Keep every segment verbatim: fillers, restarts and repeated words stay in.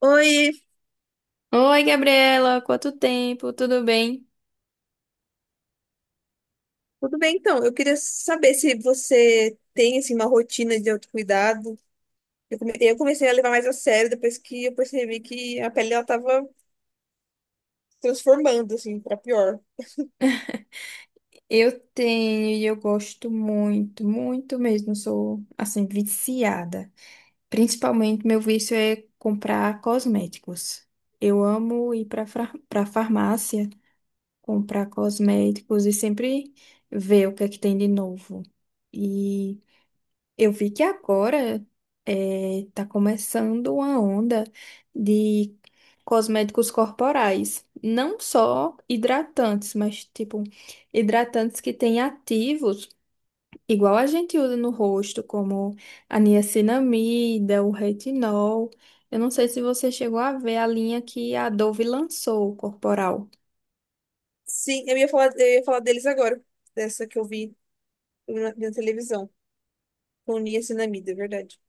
Oi, Oi, Gabriela, quanto tempo? Tudo bem? tudo bem então? Eu queria saber se você tem assim, uma rotina de autocuidado. Eu comecei, eu comecei a levar mais a sério depois que eu percebi que a pele ela tava transformando assim para pior. Eu tenho e eu gosto muito, muito mesmo. Sou assim viciada. Principalmente meu vício é comprar cosméticos. Eu amo ir para para farmácia comprar cosméticos e sempre ver o que é que tem de novo. Eu vi que agora eh, tá começando uma onda de cosméticos corporais, não só hidratantes, mas tipo hidratantes que têm ativos, igual a gente usa no rosto, como a niacinamida, o retinol. Eu não sei se você chegou a ver a linha que a Dove lançou, corporal. Sim, eu ia falar, eu ia falar deles agora, dessa que eu vi na, na televisão, com niacinamida, é verdade.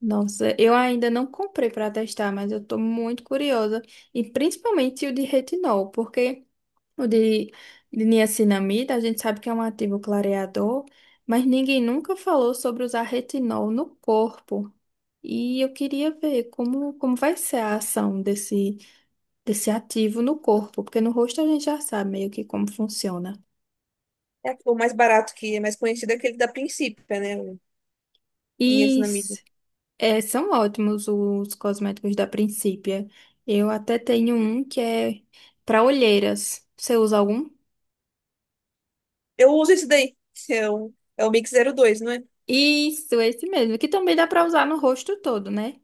Nossa, eu ainda não comprei para testar, mas eu tô muito curiosa, e principalmente o de retinol, porque o de de niacinamida, a gente sabe que é um ativo clareador, mas ninguém nunca falou sobre usar retinol no corpo. E eu queria ver como, como vai ser a ação desse, desse ativo no corpo, porque no rosto a gente já sabe meio que como funciona. É o mais barato que é mais conhecido é aquele da Princípia, né? O E niacinamida. s- É, são ótimos os cosméticos da Princípia. Eu até tenho um que é para olheiras. Você usa algum? Eu uso esse daí, que é o, é o Mix zero dois, não é? Isso, esse mesmo, que também dá para usar no rosto todo, né?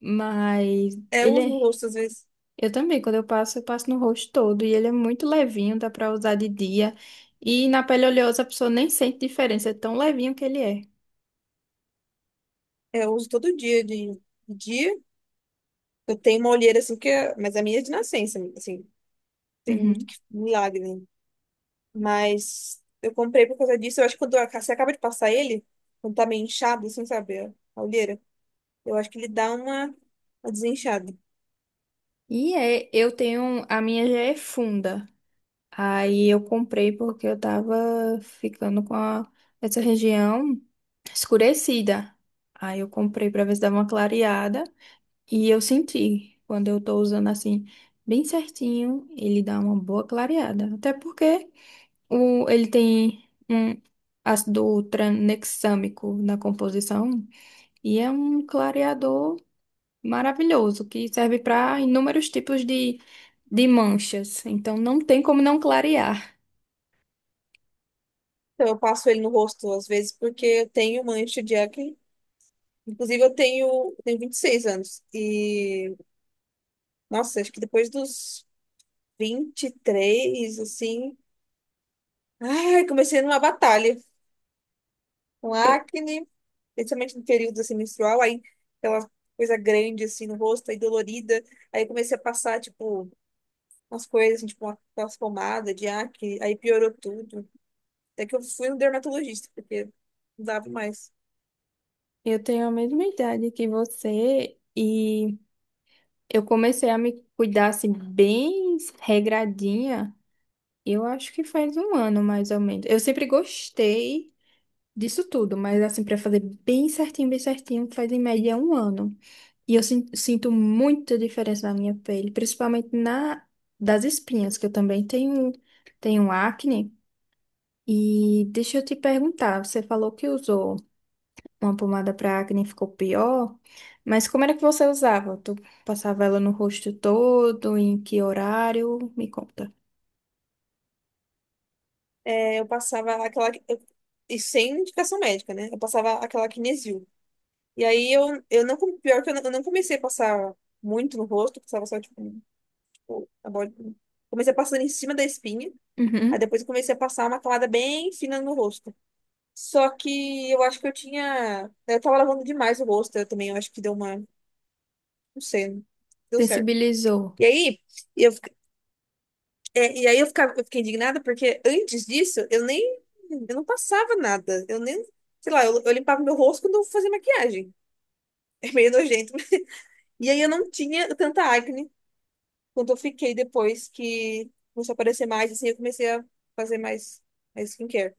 Mas É, eu ele uso é. no rosto às vezes. Eu também, quando eu passo, eu passo no rosto todo. E ele é muito levinho, dá pra usar de dia. E na pele oleosa a pessoa nem sente diferença, é tão levinho que ele é. É, eu uso todo dia de de dia. Eu tenho uma olheira assim, que é- mas a minha é de nascença, assim, tem muito Uhum. que- milagre, né? Mas eu comprei por causa disso. Eu acho que quando a- você acaba de passar ele, quando tá meio inchado, assim, sabe, a a olheira, eu acho que ele dá uma, uma desinchada. E é, eu tenho. A minha já é funda. Aí eu comprei porque eu tava ficando com a- essa região escurecida. Aí eu comprei pra ver se dava uma clareada. E eu senti, quando eu tô usando assim, bem certinho, ele dá uma boa clareada. Até porque, O, ele tem um ácido tranexâmico na composição e é um clareador maravilhoso que serve para inúmeros tipos de, de manchas. Então não tem como não clarear. Então eu passo ele no rosto às vezes porque eu tenho mancha de acne. Inclusive eu tenho, eu tenho vinte e seis anos e, nossa, acho que depois dos vinte e três assim, ai, comecei numa batalha com Eu, acne. Principalmente no período assim, menstrual, aí aquela coisa grande assim no rosto, aí dolorida. Aí eu comecei a passar, tipo, umas coisas, assim, tipo, uma- aquelas pomadas de acne, aí piorou tudo. Até que eu fui no dermatologista, porque não dava mais. eu tenho a mesma idade que você e eu comecei a me cuidar assim, bem regradinha. Eu acho que faz um ano mais ou menos. Eu sempre gostei disso tudo, mas assim, para fazer bem certinho, bem certinho, faz em média um ano. E eu sin- sinto muita diferença na minha pele, principalmente na das espinhas, que eu também tenho, tenho um acne. E deixa eu te perguntar, você falou que usou uma pomada para acne e ficou pior, mas como era que você usava? Tu passava ela no rosto todo, em que horário? Me conta. É, eu passava aquela. eu- e sem indicação médica, né? Eu passava aquela Kinesil. E aí eu, eu não. com- pior que eu não, eu não comecei a passar muito no rosto, passava só, tipo, tipo a borda. Comecei a passar em cima da espinha. Aí Uhum. depois eu comecei a passar uma camada bem fina no rosto. Só que eu acho que eu tinha. Eu tava lavando demais o rosto, eu também. Eu acho que deu uma. Não sei, deu certo. Sensibilizou. E aí, eu, fi- é, e aí eu, ficava, eu fiquei indignada porque antes disso eu nem. Eu não passava nada. Eu nem. Sei lá, eu, eu limpava meu rosto quando eu fazia maquiagem. É meio nojento. E aí eu não tinha tanta acne quanto eu fiquei depois que começou a aparecer mais, assim, eu comecei a fazer mais, mais skincare.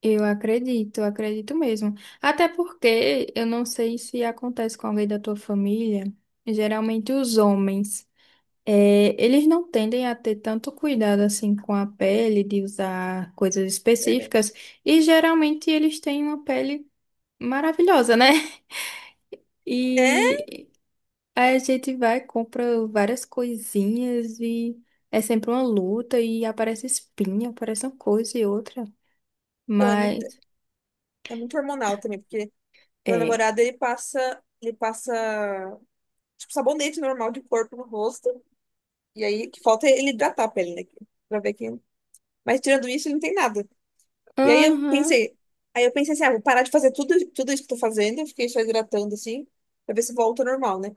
Eu acredito, eu acredito mesmo. Até porque eu não sei se acontece com alguém da tua família, geralmente os homens. É, eles não tendem a ter tanto cuidado assim com a pele, de usar coisas Verdade. específicas, e geralmente eles têm uma pele maravilhosa, né? É, E a gente vai, compra várias coisinhas e é sempre uma luta e aparece espinha, aparece uma coisa e outra. então é muito, Mas é muito hormonal também, porque. Meu é. namorado, ele passa, ele passa, tipo, sabonete normal de corpo no rosto. E aí, o que falta é ele hidratar a pele, né? Pra ver que... Mas tirando isso, ele não tem nada. E aí eu Aham, pensei, aí eu pensei assim, ah, vou parar de fazer tudo, tudo isso que eu tô fazendo. Eu fiquei só hidratando, assim, pra ver se volta ao normal, né?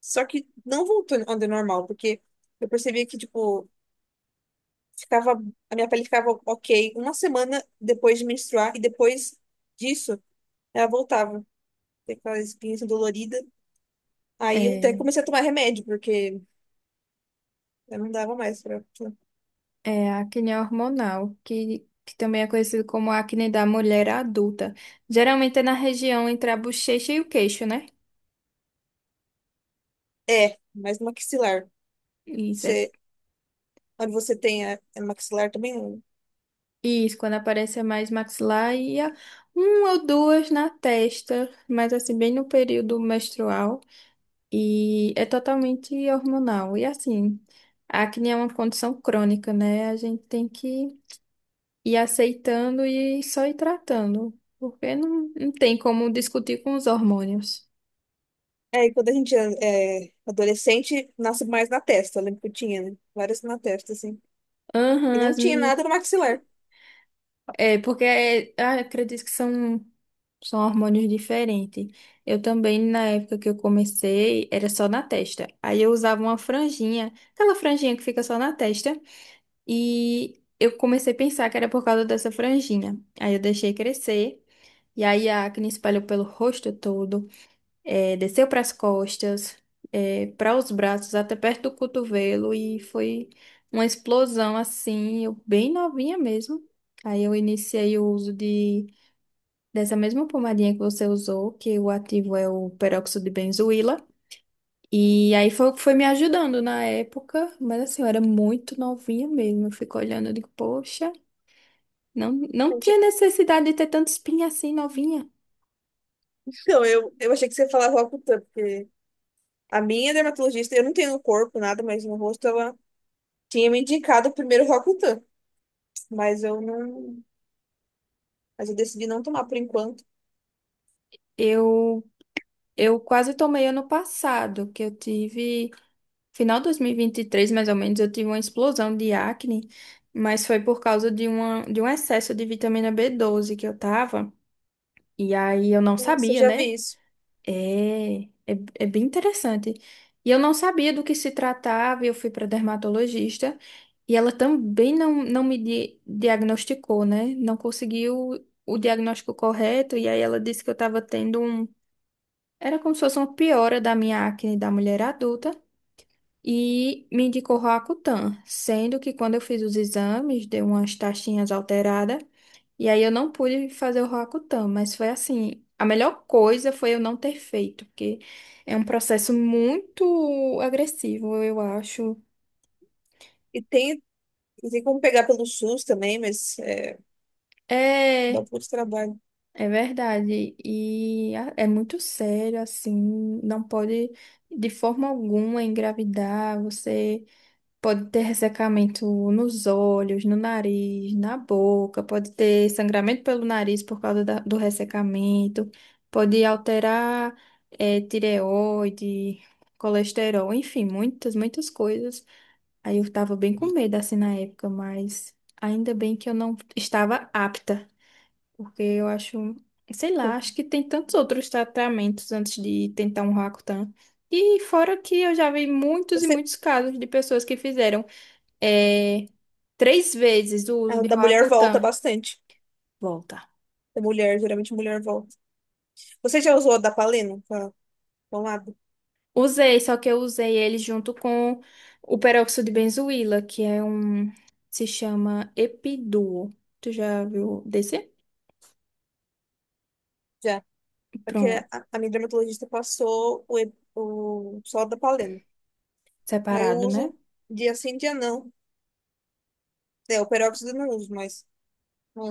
Só que não voltou ao normal, porque eu percebi que, tipo, ficava, a minha pele ficava ok uma semana depois de menstruar. E depois disso, ela voltava. Tem aquela espinha assim, dolorida. Aí eu até é. comecei a tomar remédio, porque eu não dava mais pra. pra- É, a acne hormonal, que, que também é conhecido como acne da mulher adulta. Geralmente é na região entre a bochecha e o queixo, né? É, mas no maxilar. Isso, é- Você, quando você tem a, é no maxilar também. Não. isso quando aparece é mais maxilar e a- um ou duas na testa, mas assim, bem no período menstrual. E é totalmente hormonal. E assim, a acne é uma condição crônica, né? A gente tem que ir aceitando e só ir tratando, porque não, não tem como discutir com os hormônios. É, e quando a gente é é adolescente, nasce mais na testa. Eu lembro que eu tinha, né? Várias na testa, assim. E Aham, não as tinha minhas. nada no maxilar. É, porque é, ah, acredito que são, são hormônios diferentes. Eu também, na época que eu comecei, era só na testa. Aí eu usava uma franjinha, aquela franjinha que fica só na testa. E eu comecei a pensar que era por causa dessa franjinha. Aí eu deixei crescer. E aí a acne espalhou pelo rosto todo, é, desceu para as costas, para os braços, até perto do cotovelo, e foi uma explosão assim, eu bem novinha mesmo. Aí eu iniciei o uso de, dessa mesma pomadinha que você usou, que o ativo é o peróxido de benzoíla. E aí foi, o que foi me ajudando na época, mas assim, eu era muito novinha mesmo. Eu fico olhando e digo, poxa, não, Eu não achei- tinha necessidade de ter tanta espinha assim novinha. Então, eu, eu achei que você falava ocultando, porque a minha dermatologista, eu não tenho no corpo nada, mas no rosto ela tinha me indicado o primeiro Roacutan. Mas eu não. Mas eu decidi não tomar por enquanto. Eu, eu quase tomei ano passado, que eu tive. Final de dois mil e vinte e três, mais ou menos, eu tive uma explosão de acne, mas foi por causa de, uma, de um excesso de vitamina B doze que eu tava, e aí eu não Nossa, eu sabia, já né? vi isso. É, é, é bem interessante. E eu não sabia do que se tratava, e eu fui para dermatologista, e ela também não, não me di- diagnosticou, né? Não conseguiu o diagnóstico correto, e aí ela disse que eu tava tendo um. Era como se fosse uma piora da minha acne da mulher adulta e me indicou Roacutan, sendo que quando eu fiz os exames, deu umas taxinhas alteradas, e aí eu não pude fazer o Roacutan, mas foi assim, a melhor coisa foi eu não ter feito, porque é um processo muito agressivo, eu acho. E tem Não tem como pegar pelo SUS também, mas é, dá um É, pouco de trabalho. é verdade, e a- é muito sério, assim, não pode de forma alguma engravidar, você... Pode ter ressecamento nos olhos, no nariz, na boca, pode ter sangramento pelo nariz por causa da- do ressecamento, pode alterar eh, tireoide, colesterol, enfim, muitas, muitas coisas. Aí eu estava bem com medo assim na época, mas ainda bem que eu não estava apta, porque eu acho, sei lá, acho que tem tantos outros tratamentos antes de tentar um Roacutan. E fora que eu já vi muitos e Você, muitos casos de pessoas que fizeram, é, três vezes o uso a de da mulher volta Roacutan. bastante. Volta. Da mulher, geralmente a mulher volta. Você já usou a da Paleno? Pra, pra um lado? Usei, só que eu usei ele junto com o peróxido de benzoíla, que é um. Se chama Epiduo. Tu já viu desse? Já. Porque Pronto, a, a minha dermatologista passou o, e- o só da Paleno. Aí eu separado, uso né? dia sim, dia não. É, o peróxido eu não uso, mas.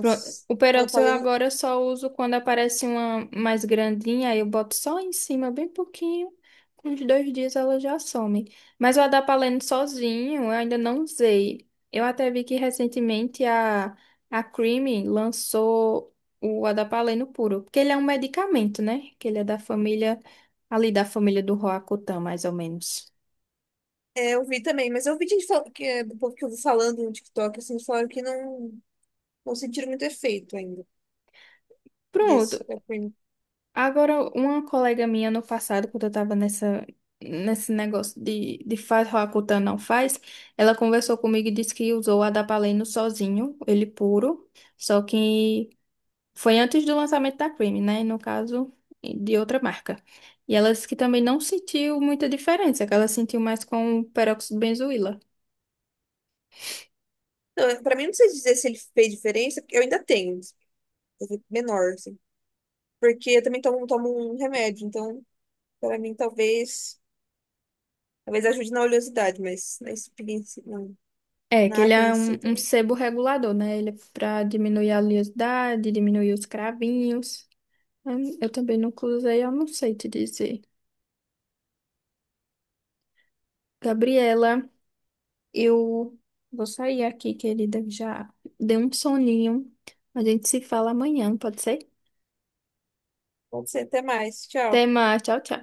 Pronto. O a da peróxido eu Paleno. agora só uso quando aparece uma mais grandinha, aí eu boto só em cima, bem pouquinho. Com uns dois dias ela já some. Mas o adapaleno sozinho eu ainda não usei. Eu até vi que recentemente a, a Creamy lançou o adapaleno puro, porque ele é um medicamento, né? Que ele é da família, ali da família do Roacutan, mais ou menos. É, eu vi também, mas eu vi gente fal- que, é, do povo que eu vi falando no TikTok, assim, falaram que não, não sentiram muito efeito ainda Pronto. desse. Da Prim. Agora, uma colega minha no passado, quando eu tava nessa, nesse negócio de, de faz Roacutan não faz, ela conversou comigo e disse que usou a Adapaleno sozinho, ele puro, só que foi antes do lançamento da Cream, né? No caso, de outra marca. E ela disse que também não sentiu muita diferença, que ela sentiu mais com o peróxido de benzoíla. Não, pra mim, não sei dizer se ele fez diferença, porque eu ainda tenho, assim, menor, assim. Porque eu também tomo, tomo um remédio, então, pra mim, talvez, talvez ajude na oleosidade, mas na espinha, em si, não, É, que na ele acne é em um, si, um talvez. sebo regulador, né? Ele é pra diminuir a oleosidade, diminuir os cravinhos. Hum, Eu também nunca usei, eu não sei te dizer. Gabriela, eu vou sair aqui, querida, que já deu um soninho. A gente se fala amanhã, pode ser? Pode ser, até mais. Até Tchau. mais, tchau, tchau.